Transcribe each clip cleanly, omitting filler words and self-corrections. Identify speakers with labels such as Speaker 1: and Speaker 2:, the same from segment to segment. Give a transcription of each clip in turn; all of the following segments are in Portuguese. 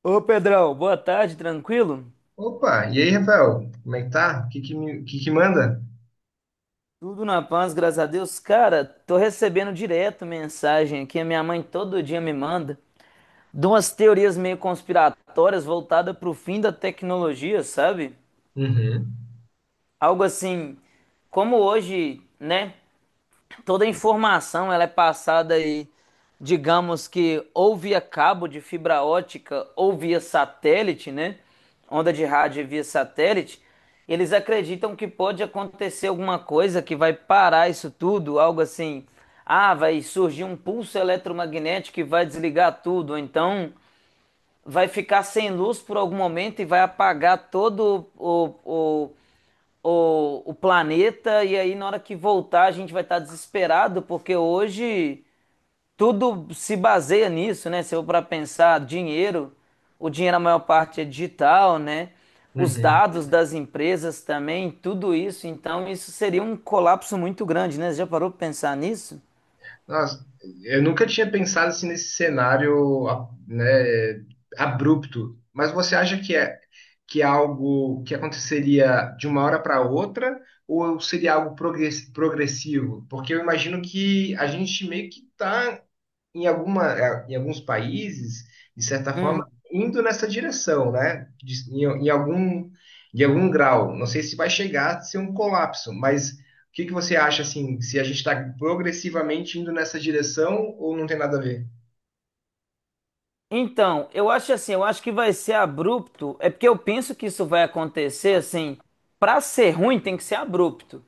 Speaker 1: Ô Pedrão, boa tarde, tranquilo?
Speaker 2: Opa, e aí, Rafael? Como é que tá? O que que manda?
Speaker 1: Tudo na paz, graças a Deus. Cara, tô recebendo direto mensagem aqui, a minha mãe todo dia me manda, de umas teorias meio conspiratórias voltadas pro fim da tecnologia, sabe?
Speaker 2: Uhum,
Speaker 1: Algo assim, como hoje, né? Toda a informação ela é passada aí, digamos que ou via cabo de fibra ótica ou via satélite, né? Onda de rádio via satélite. Eles acreditam que pode acontecer alguma coisa que vai parar isso tudo, algo assim. Ah, vai surgir um pulso eletromagnético que vai desligar tudo, ou então vai ficar sem luz por algum momento e vai apagar todo o planeta, e aí na hora que voltar a gente vai estar desesperado, porque hoje tudo se baseia nisso, né? Se eu para pensar, dinheiro, o dinheiro a maior parte é digital, né? Os
Speaker 2: uhum.
Speaker 1: dados das empresas também, tudo isso, então isso seria um colapso muito grande, né? Você já parou para pensar nisso?
Speaker 2: Nossa, eu nunca tinha pensado assim nesse cenário, né, abrupto. Mas você acha que é algo que aconteceria de uma hora para outra ou seria algo progressivo? Porque eu imagino que a gente meio que tá em alguma, em alguns países, de certa forma, indo nessa direção, né? De algum grau. Não sei se vai chegar a ser um colapso, mas o que que você acha, assim, se a gente está progressivamente indo nessa direção ou não tem nada a ver?
Speaker 1: Então, eu acho assim, eu acho que vai ser abrupto. É porque eu penso que isso vai acontecer assim, pra ser ruim tem que ser abrupto.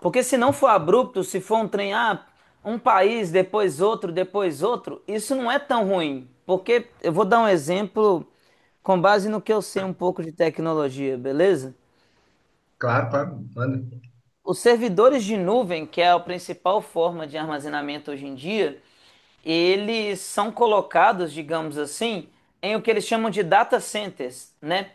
Speaker 1: Porque se não for abrupto, se for um trem, ah, um país, depois outro, isso não é tão ruim. Porque eu vou dar um exemplo com base no que eu sei um pouco de tecnologia, beleza?
Speaker 2: Claro, claro, manda.
Speaker 1: Os servidores de nuvem, que é a principal forma de armazenamento hoje em dia, eles são colocados, digamos assim, em o que eles chamam de data centers, né?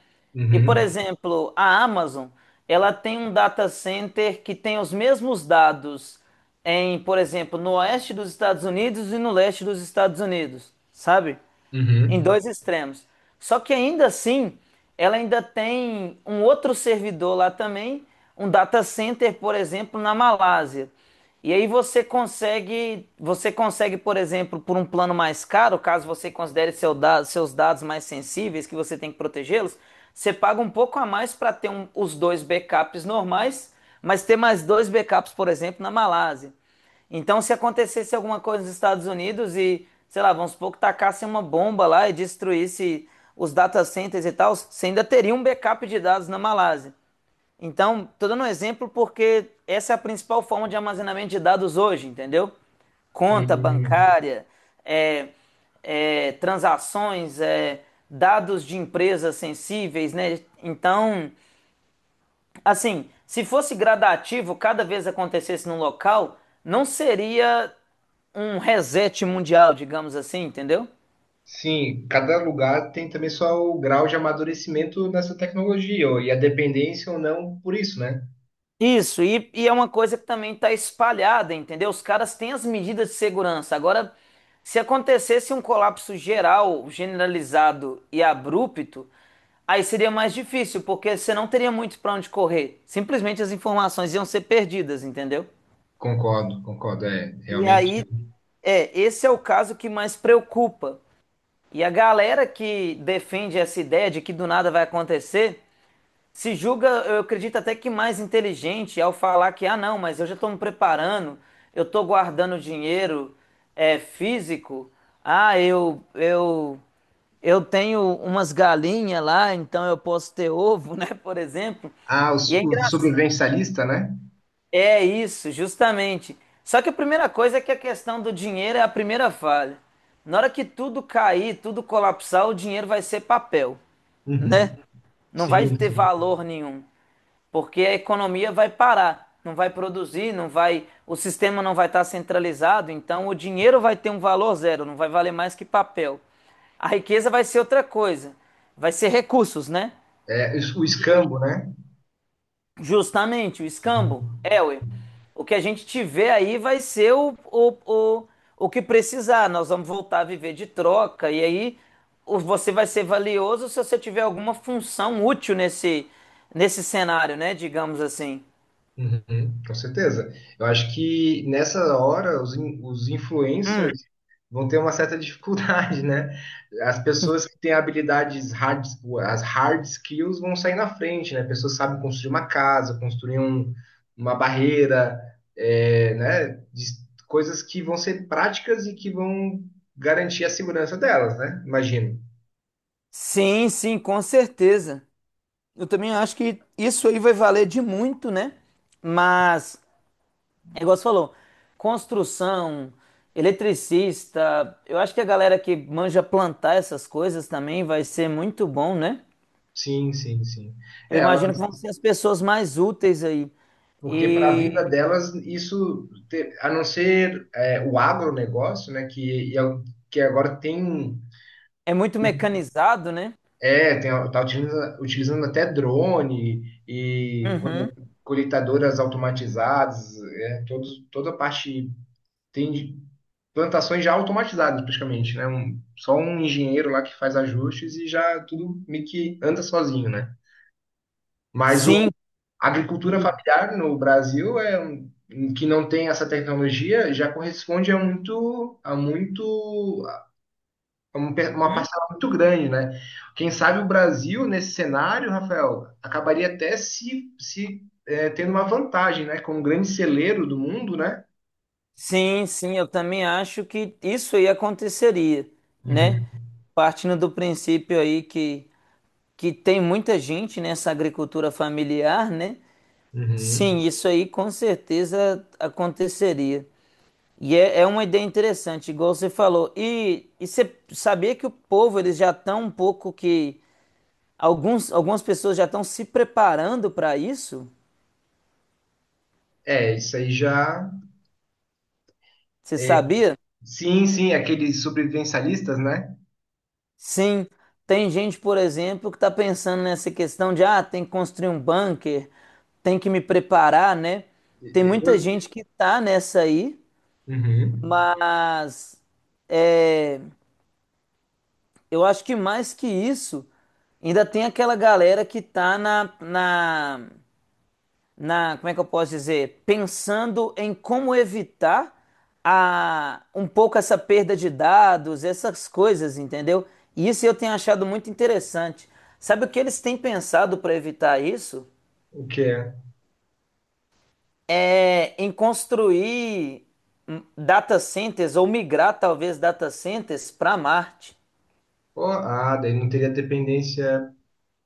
Speaker 1: E, por
Speaker 2: Uhum,
Speaker 1: exemplo, a Amazon, ela tem um data center que tem os mesmos dados em, por exemplo, no oeste dos Estados Unidos e no leste dos Estados Unidos, sabe? Em
Speaker 2: uhum.
Speaker 1: dois extremos. Só que ainda assim, ela ainda tem um outro servidor lá também, um data center, por exemplo, na Malásia. E aí você consegue, por exemplo, por um plano mais caro, caso você considere seus dados mais sensíveis, que você tem que protegê-los, você paga um pouco a mais para ter os dois backups normais, mas ter mais dois backups, por exemplo, na Malásia. Então, se acontecesse alguma coisa nos Estados Unidos e, sei lá, vamos supor que tacassem uma bomba lá e destruísse os data centers e tal, você ainda teria um backup de dados na Malásia. Então, tô dando um exemplo porque essa é a principal forma de armazenamento de dados hoje, entendeu? Conta
Speaker 2: Hum.
Speaker 1: bancária, é, é, transações, é, dados de empresas sensíveis, né? Então, assim, se fosse gradativo, cada vez acontecesse num local, não seria um reset mundial, digamos assim, entendeu?
Speaker 2: Sim, cada lugar tem também só o grau de amadurecimento nessa tecnologia, e a dependência ou não por isso, né?
Speaker 1: Isso, e é uma coisa que também está espalhada, entendeu? Os caras têm as medidas de segurança. Agora, se acontecesse um colapso geral, generalizado e abrupto, aí seria mais difícil, porque você não teria muito para onde correr. Simplesmente as informações iam ser perdidas, entendeu?
Speaker 2: Concordo, concordo, é
Speaker 1: E
Speaker 2: realmente.
Speaker 1: aí, é, esse é o caso que mais preocupa. E a galera que defende essa ideia de que do nada vai acontecer, se julga, eu acredito até que mais inteligente ao falar que, ah, não, mas eu já estou me preparando, eu estou guardando dinheiro, é, físico, ah, eu tenho umas galinhas lá, então eu posso ter ovo, né, por exemplo.
Speaker 2: Ah,
Speaker 1: E é
Speaker 2: o
Speaker 1: engraçado.
Speaker 2: sobrevivencialista, né?
Speaker 1: É isso, justamente. Só que a primeira coisa é que a questão do dinheiro é a primeira falha. Na hora que tudo cair, tudo colapsar, o dinheiro vai ser papel, né?
Speaker 2: Uhum.
Speaker 1: Não vai
Speaker 2: Sim,
Speaker 1: ter
Speaker 2: sim.
Speaker 1: valor nenhum, porque a economia vai parar, não vai produzir, não vai, o sistema não vai estar centralizado, então o dinheiro vai ter um valor zero, não vai valer mais que papel. A riqueza vai ser outra coisa, vai ser recursos, né?
Speaker 2: É, o escambo, né?
Speaker 1: Justamente, o escambo.
Speaker 2: Uhum.
Speaker 1: É, ué. O que a gente tiver aí vai ser o, o que precisar. Nós vamos voltar a viver de troca. E aí você vai ser valioso se você tiver alguma função útil nesse, nesse cenário, né? Digamos assim.
Speaker 2: Uhum. Com certeza. Eu acho que nessa hora os
Speaker 1: Hum.
Speaker 2: influencers vão ter uma certa dificuldade, né? As pessoas que têm habilidades hard, as hard skills vão sair na frente, né? Pessoas que sabem construir uma casa, uma barreira, é, né? De- coisas que vão ser práticas e que vão garantir a segurança delas, né? Imagino.
Speaker 1: Sim, sim, com certeza. Eu também acho que isso aí vai valer de muito, né? Mas. É igual você falou, construção, eletricista, eu acho que a galera que manja plantar essas coisas também vai ser muito bom, né?
Speaker 2: Sim, sim, sim.
Speaker 1: Eu
Speaker 2: É, elas,
Speaker 1: imagino que vão ser as pessoas mais úteis aí.
Speaker 2: porque para a vida
Speaker 1: E
Speaker 2: delas, isso, a não ser é, o agronegócio, né, que, que agora tem,
Speaker 1: é muito mecanizado, né?
Speaker 2: é, tem, tá utilizando, utilizando até drone e
Speaker 1: Uhum.
Speaker 2: colheitadoras automatizadas, é, todos, toda a parte, tem de- plantações já automatizadas praticamente, né, só um engenheiro lá que faz ajustes e já tudo meio que anda sozinho, né. Mas
Speaker 1: Sim,
Speaker 2: a agricultura familiar no Brasil é um que não tem essa tecnologia já corresponde a muito uma parcela muito grande, né? Quem sabe o Brasil nesse cenário, Rafael, acabaria até se, se eh, tendo uma vantagem, né? Como grande celeiro do mundo, né?
Speaker 1: sim, sim, eu também acho que isso aí aconteceria, né?
Speaker 2: Uhum,
Speaker 1: Partindo do princípio aí que tem muita gente nessa agricultura familiar, né?
Speaker 2: uhum.
Speaker 1: Sim, isso aí com certeza aconteceria. E é uma ideia interessante, igual você falou. E você sabia que o povo, eles já estão um pouco que. Alguns, algumas pessoas já estão se preparando para isso?
Speaker 2: É, isso aí já.
Speaker 1: Você
Speaker 2: É,
Speaker 1: sabia?
Speaker 2: sim, sim, aqueles sobrevivencialistas, né?
Speaker 1: Sim. Tem gente, por exemplo, que está pensando nessa questão de, ah, tem que construir um bunker, tem que me preparar, né?
Speaker 2: E-
Speaker 1: Tem
Speaker 2: e-
Speaker 1: muita
Speaker 2: eu-
Speaker 1: gente que tá nessa aí,
Speaker 2: Uhum.
Speaker 1: mas é, eu acho que mais que isso, ainda tem aquela galera que tá na como é que eu posso dizer, pensando em como evitar a, um pouco essa perda de dados, essas coisas, entendeu? E isso eu tenho achado muito interessante. Sabe o que eles têm pensado para evitar isso?
Speaker 2: O que é?
Speaker 1: É em construir, data centers ou migrar talvez data centers para Marte.
Speaker 2: Pô, ah, daí não teria dependência.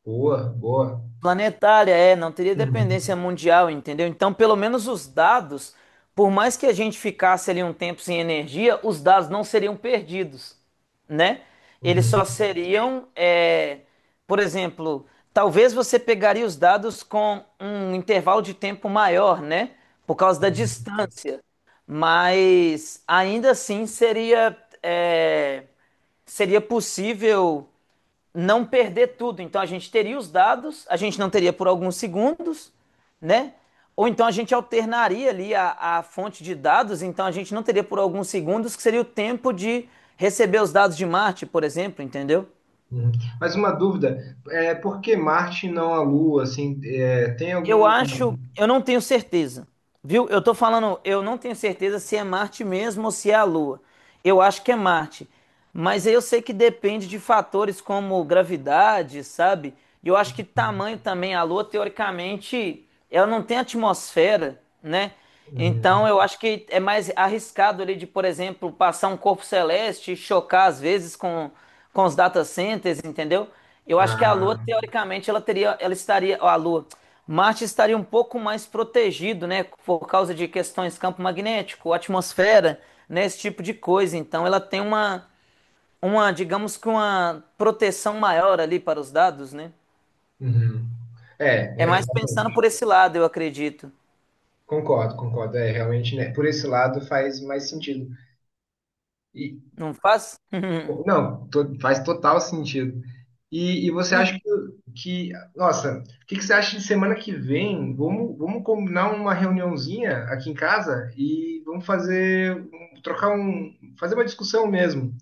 Speaker 2: Boa, boa.
Speaker 1: Planetária, é, não teria dependência
Speaker 2: Uhum,
Speaker 1: mundial, entendeu? Então, pelo menos os dados, por mais que a gente ficasse ali um tempo sem energia, os dados não seriam perdidos, né? Eles
Speaker 2: uhum,
Speaker 1: só seriam, é, por exemplo, talvez você pegaria os dados com um intervalo de tempo maior, né? Por causa da
Speaker 2: uhum,
Speaker 1: distância, mas ainda assim seria, é, seria possível não perder tudo. Então a gente teria os dados, a gente não teria por alguns segundos, né? Ou então a gente alternaria ali a fonte de dados, então a gente não teria por alguns segundos, que seria o tempo de receber os dados de Marte, por exemplo, entendeu?
Speaker 2: uhum. Mas uma dúvida, é, por que Marte e não a Lua? Assim, é, tem
Speaker 1: Eu
Speaker 2: alguma.
Speaker 1: acho, eu não tenho certeza, viu? Eu tô falando, eu não tenho certeza se é Marte mesmo ou se é a Lua. Eu acho que é Marte, mas eu sei que depende de fatores como gravidade, sabe? E eu acho que tamanho também. A Lua, teoricamente, ela não tem atmosfera, né? Então,
Speaker 2: Uhum.
Speaker 1: eu acho que é mais arriscado ele de, por exemplo, passar um corpo celeste e chocar às vezes com os data centers, entendeu? Eu acho que a Lua,
Speaker 2: Ah,
Speaker 1: teoricamente, ela teria, ela estaria, ó, a Lua, Marte estaria um pouco mais protegido, né, por causa de questões campo magnético, atmosfera, né, esse tipo de coisa. Então, ela tem uma, digamos que uma proteção maior ali para os dados, né?
Speaker 2: uhum. É,
Speaker 1: É
Speaker 2: é,
Speaker 1: mais pensando
Speaker 2: realmente,
Speaker 1: por esse lado, eu acredito.
Speaker 2: concordo, concordo. É, realmente, né, por esse lado faz mais sentido.
Speaker 1: Não faz?
Speaker 2: Não, faz total sentido. E você
Speaker 1: Hum.
Speaker 2: acha que- nossa, que você acha de semana que vem? Vamos, vamos combinar uma reuniãozinha aqui em casa e vamos fazer, um- trocar um, fazer uma discussão mesmo. O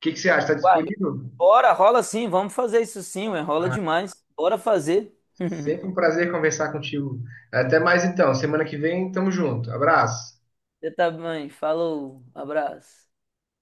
Speaker 2: que você acha? Está disponível?
Speaker 1: Bora, rola sim, vamos fazer isso sim, ué, rola demais. Bora fazer.
Speaker 2: Sempre um prazer conversar contigo. Até mais então, semana que vem, tamo junto. Abraço.
Speaker 1: Você tá bem, falou, abraço.